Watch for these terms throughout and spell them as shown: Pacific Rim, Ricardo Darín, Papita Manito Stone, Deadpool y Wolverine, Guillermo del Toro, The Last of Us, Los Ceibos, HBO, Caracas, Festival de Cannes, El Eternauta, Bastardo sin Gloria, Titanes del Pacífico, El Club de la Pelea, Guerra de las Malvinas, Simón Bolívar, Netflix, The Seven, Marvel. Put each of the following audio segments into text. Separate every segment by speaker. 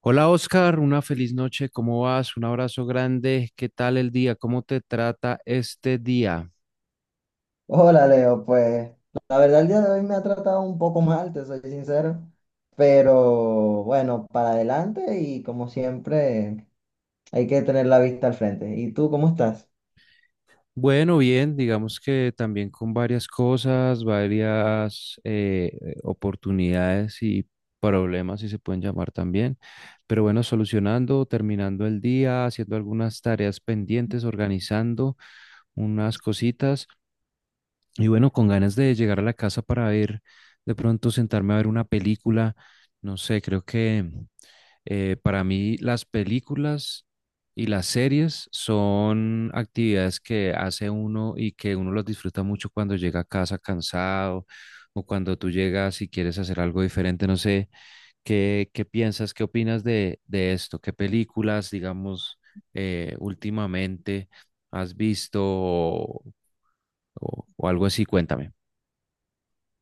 Speaker 1: Hola Oscar, una feliz noche, ¿cómo vas? Un abrazo grande, ¿qué tal el día? ¿Cómo te trata este día?
Speaker 2: Hola Leo, pues la verdad el día de hoy me ha tratado un poco mal, te soy sincero, pero bueno, para adelante y como siempre hay que tener la vista al frente. ¿Y tú cómo estás?
Speaker 1: Bueno, bien, digamos que también con varias cosas, varias oportunidades y problemas, si se pueden llamar también, pero bueno, solucionando, terminando el día, haciendo algunas tareas pendientes, organizando unas cositas y bueno, con ganas de llegar a la casa para ver, de pronto sentarme a ver una película, no sé, creo que... Para mí, las películas y las series son actividades que hace uno y que uno las disfruta mucho cuando llega a casa cansado o cuando tú llegas y quieres hacer algo diferente. No sé, ¿Qué piensas, qué opinas de esto? ¿Qué películas, digamos, últimamente has visto o algo así? Cuéntame.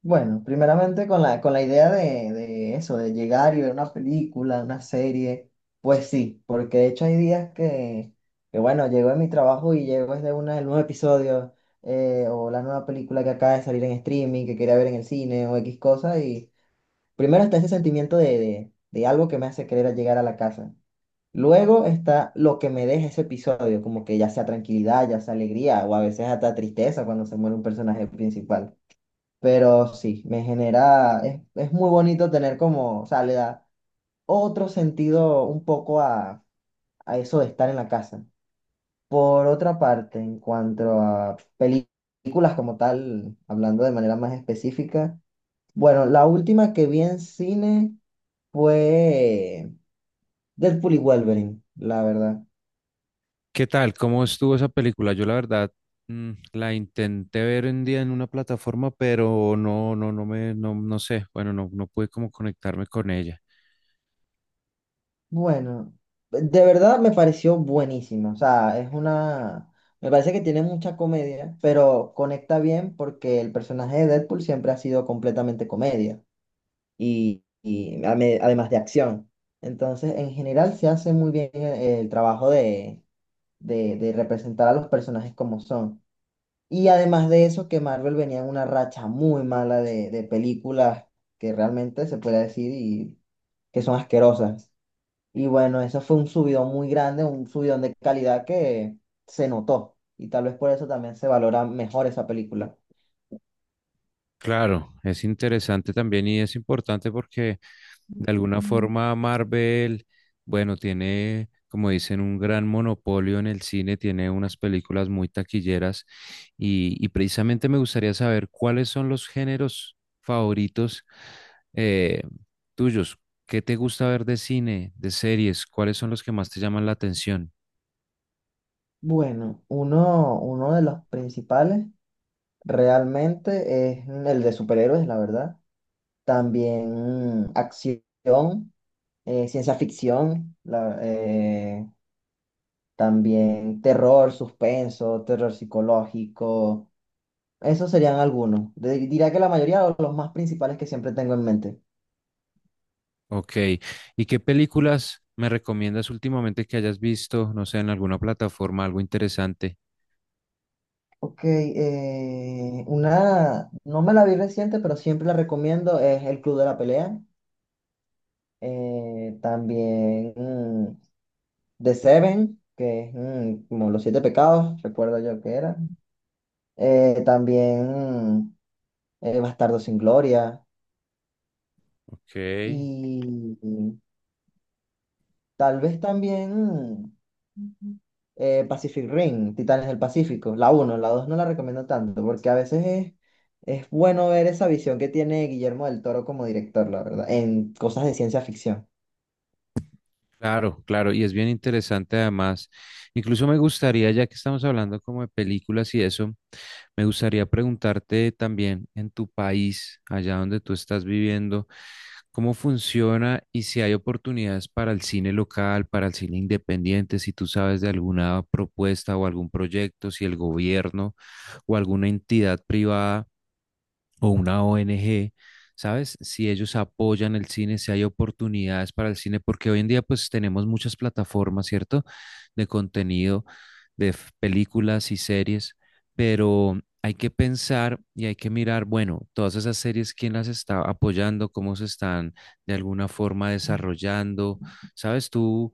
Speaker 2: Bueno, primeramente con la idea de eso, de llegar y ver una película, una serie, pues sí, porque de hecho hay días que bueno, llego de mi trabajo y llego desde una, el nuevo episodio o la nueva película que acaba de salir en streaming, que quería ver en el cine o X cosa y... Primero está ese sentimiento de algo que me hace querer llegar a la casa. Luego está lo que me deja ese episodio, como que ya sea tranquilidad, ya sea alegría, o a veces hasta tristeza cuando se muere un personaje principal. Pero sí, me genera, es muy bonito tener como, o sea, le da otro sentido un poco a eso de estar en la casa. Por otra parte, en cuanto a películas como tal, hablando de manera más específica, bueno, la última que vi en cine fue Deadpool y Wolverine, la verdad.
Speaker 1: ¿Qué tal? ¿Cómo estuvo esa película? Yo la verdad la intenté ver un día en una plataforma, pero no sé. Bueno, no pude como conectarme con ella.
Speaker 2: Bueno, de verdad me pareció buenísima. O sea, es una... Me parece que tiene mucha comedia, pero conecta bien porque el personaje de Deadpool siempre ha sido completamente comedia y además de acción. Entonces, en general, se hace muy bien el trabajo de representar a los personajes como son. Y además de eso, que Marvel venía en una racha muy mala de películas que realmente se puede decir y que son asquerosas. Y bueno, eso fue un subidón muy grande, un subidón de calidad que se notó. Y tal vez por eso también se valora mejor esa película.
Speaker 1: Claro, es interesante también y es importante porque de alguna
Speaker 2: Mm.
Speaker 1: forma, Marvel, bueno, tiene, como dicen, un gran monopolio en el cine, tiene unas películas muy taquilleras y precisamente me gustaría saber cuáles son los géneros favoritos eh, tuyos. ¿Qué te gusta ver de cine, de series? ¿Cuáles son los que más te llaman la atención?
Speaker 2: Bueno, uno de los principales realmente es el de superhéroes, la verdad. También acción, ciencia ficción, también terror, suspenso, terror psicológico. Esos serían algunos. Diría que la mayoría o los más principales que siempre tengo en mente.
Speaker 1: Ok. ¿Y qué películas me recomiendas últimamente que hayas visto, no sé, en alguna plataforma, algo interesante?
Speaker 2: Ok, una, no me la vi reciente, pero siempre la recomiendo, es El Club de la Pelea. También The Seven, que es como Los Siete Pecados, recuerdo yo que era. También mm, Bastardo sin Gloria.
Speaker 1: Ok.
Speaker 2: Y tal vez también ujú, Pacific Rim, Titanes del Pacífico, la uno la 2 no la recomiendo tanto, porque a veces es bueno ver esa visión que tiene Guillermo del Toro como director, la verdad, en cosas de ciencia ficción.
Speaker 1: Claro, claro, y es bien interesante además. Incluso me gustaría, ya que estamos hablando como de películas y eso, me gustaría preguntarte también en tu país, allá donde tú estás viviendo, cómo funciona y si hay oportunidades para el cine local, para el cine independiente, si tú sabes de alguna propuesta o algún proyecto, si el gobierno o alguna entidad privada o una ONG, ¿sabes? Si ellos apoyan el cine, si hay oportunidades para el cine, porque hoy en día pues tenemos muchas plataformas, ¿cierto? De contenido, de películas y series, pero hay que pensar y hay que mirar, bueno, todas esas series, quién las está apoyando, cómo se están de alguna forma desarrollando, ¿sabes? Tú,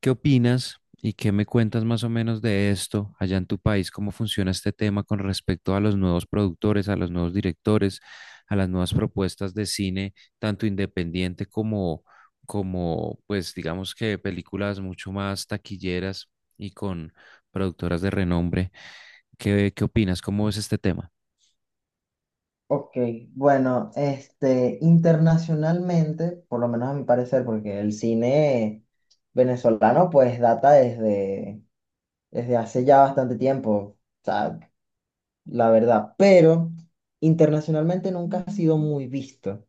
Speaker 1: ¿qué opinas y qué me cuentas más o menos de esto allá en tu país? ¿Cómo funciona este tema con respecto a los nuevos productores, a los nuevos directores, a las nuevas propuestas de cine, tanto independiente como, como pues digamos que películas mucho más taquilleras y con productoras de renombre? ¿Qué opinas? ¿Cómo es este tema?
Speaker 2: Ok, bueno, este, internacionalmente, por lo menos a mi parecer, porque el cine venezolano pues data desde hace ya bastante tiempo, o sea, la verdad, pero internacionalmente nunca ha sido muy visto.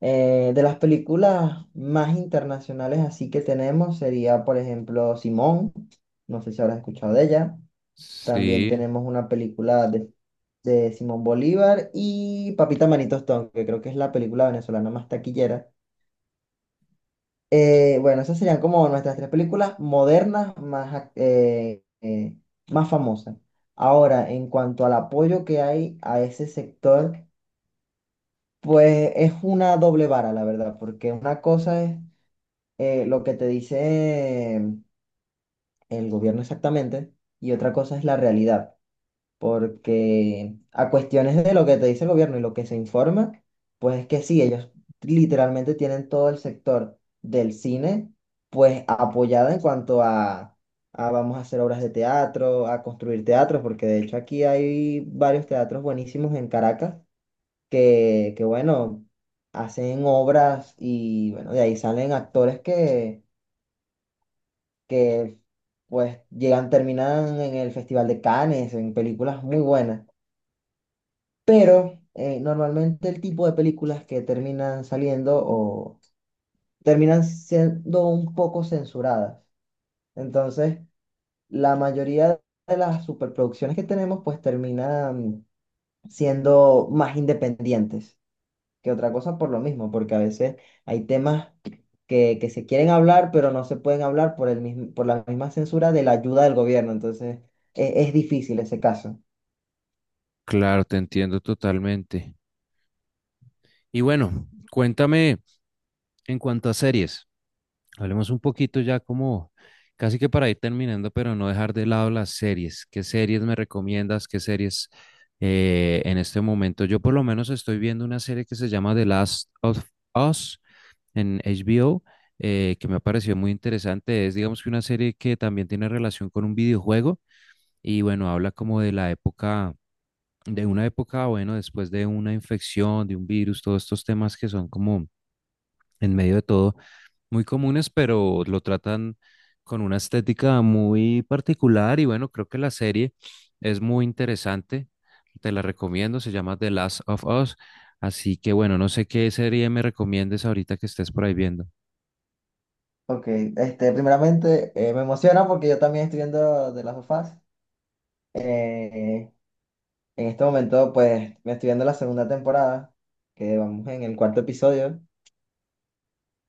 Speaker 2: De las películas más internacionales así que tenemos sería, por ejemplo, Simón. No sé si habrás escuchado de ella. También
Speaker 1: Sí,
Speaker 2: tenemos una película de Simón Bolívar y Papita Manito Stone, que creo que es la película venezolana más taquillera. Bueno, esas serían como nuestras tres películas modernas más, más famosas. Ahora, en cuanto al apoyo que hay a ese sector, pues es una doble vara, la verdad, porque una cosa es lo que te dice el gobierno exactamente y otra cosa es la realidad, porque a cuestiones de lo que te dice el gobierno y lo que se informa, pues es que sí, ellos literalmente tienen todo el sector del cine pues apoyado en cuanto a vamos a hacer obras de teatro, a construir teatros, porque de hecho aquí hay varios teatros buenísimos en Caracas que bueno, hacen obras y bueno, de ahí salen actores que pues llegan, terminan en el Festival de Cannes, en películas muy buenas. Pero normalmente el tipo de películas que terminan saliendo o terminan siendo un poco censuradas. Entonces, la mayoría de las superproducciones que tenemos pues terminan siendo más independientes, que otra cosa por lo mismo, porque a veces hay temas que se quieren hablar, pero no se pueden hablar por el mismo, por la misma censura de la ayuda del gobierno. Entonces, es difícil ese caso.
Speaker 1: claro, te entiendo totalmente. Y bueno, cuéntame en cuanto a series. Hablemos un poquito ya como casi que para ir terminando, pero no dejar de lado las series. ¿Qué series me recomiendas? ¿Qué series en este momento? Yo por lo menos estoy viendo una serie que se llama The Last of Us en HBO, que me ha parecido muy interesante. Es digamos que una serie que también tiene relación con un videojuego y bueno, habla como de la época, de una época, bueno, después de una infección, de un virus, todos estos temas que son como en medio de todo muy comunes, pero lo tratan con una estética muy particular y bueno, creo que la serie es muy interesante. Te la recomiendo, se llama The Last of Us. Así que bueno, no sé qué serie me recomiendes ahorita que estés por ahí viendo.
Speaker 2: Ok, este, primeramente me emociona porque yo también estoy viendo de las sofás. Eh, en este momento, pues, me estoy viendo la segunda temporada, que vamos en el cuarto episodio.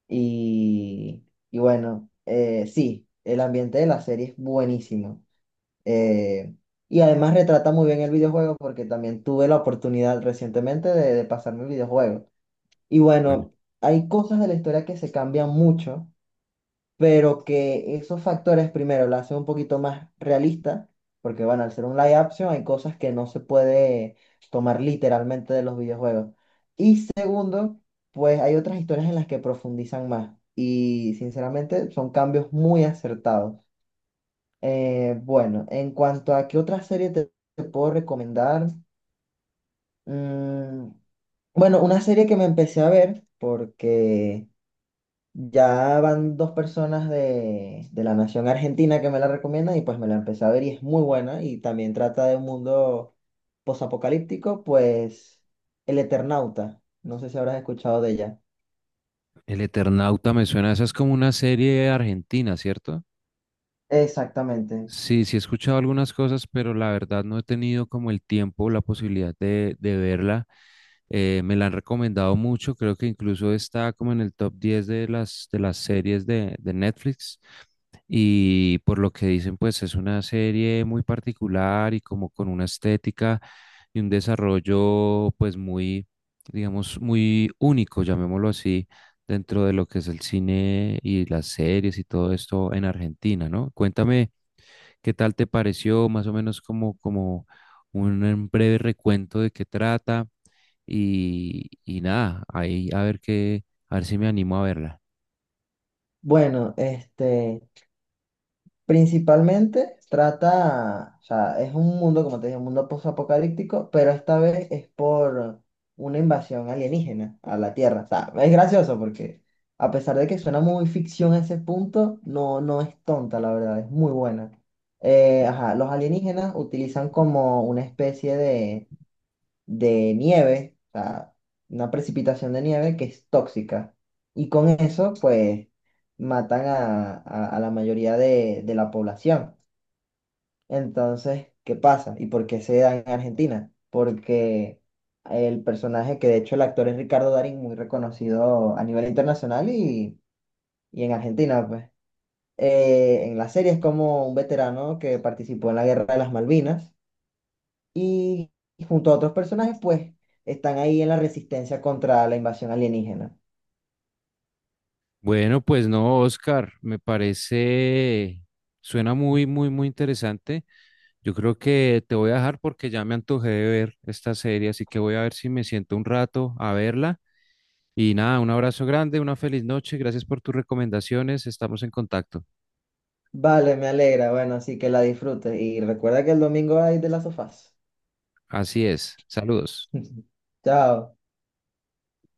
Speaker 2: Y, y bueno, sí, el ambiente de la serie es buenísimo. Eh, y además retrata muy bien el videojuego porque también tuve la oportunidad recientemente de pasarme el videojuego. Y
Speaker 1: Bueno,
Speaker 2: bueno, hay cosas de la historia que se cambian mucho, pero que esos factores primero la hacen un poquito más realista, porque bueno, al ser un live action hay cosas que no se puede tomar literalmente de los videojuegos. Y segundo, pues hay otras historias en las que profundizan más. Y sinceramente son cambios muy acertados. Bueno, en cuanto a qué otra serie te puedo recomendar, mm, bueno, una serie que me empecé a ver porque ya van dos personas de la nación argentina que me la recomiendan y pues me la empecé a ver y es muy buena y también trata de un mundo posapocalíptico, pues El Eternauta, no sé si habrás escuchado de ella.
Speaker 1: El Eternauta me suena, esa es como una serie argentina, ¿cierto?
Speaker 2: Exactamente.
Speaker 1: Sí, sí he escuchado algunas cosas, pero la verdad no he tenido como el tiempo, la posibilidad de verla. Me la han recomendado mucho, creo que incluso está como en el top 10 de de las series de Netflix. Y por lo que dicen, pues es una serie muy particular y como con una estética y un desarrollo pues muy, digamos, muy único, llamémoslo así, dentro de lo que es el cine y las series y todo esto en Argentina, ¿no? Cuéntame, ¿qué tal te pareció? Más o menos como, como un breve recuento de qué trata y nada, ahí a ver qué, a ver si me animo a verla.
Speaker 2: Bueno, este, principalmente trata, o sea, es un mundo, como te dije, un mundo post-apocalíptico, pero esta vez es por una invasión alienígena a la Tierra. O sea, es gracioso porque a pesar de que suena muy ficción a ese punto, no, no es tonta, la verdad, es muy buena. Ajá, los alienígenas utilizan como una especie de nieve, o sea, una precipitación de nieve que es tóxica. Y con eso, pues, matan a la mayoría de la población. Entonces, ¿qué pasa? ¿Y por qué se da en Argentina? Porque el personaje, que de hecho el actor es Ricardo Darín, muy reconocido a nivel internacional y en Argentina, pues en la serie es como un veterano que participó en la Guerra de las Malvinas y junto a otros personajes, pues están ahí en la resistencia contra la invasión alienígena.
Speaker 1: Bueno, pues no, Oscar, me parece, suena muy, muy, muy interesante. Yo creo que te voy a dejar porque ya me antojé de ver esta serie, así que voy a ver si me siento un rato a verla. Y nada, un abrazo grande, una feliz noche, gracias por tus recomendaciones, estamos en contacto.
Speaker 2: Vale, me alegra. Bueno, así que la disfrutes y recuerda que el domingo hay de las sofás.
Speaker 1: Así es, saludos.
Speaker 2: Chao.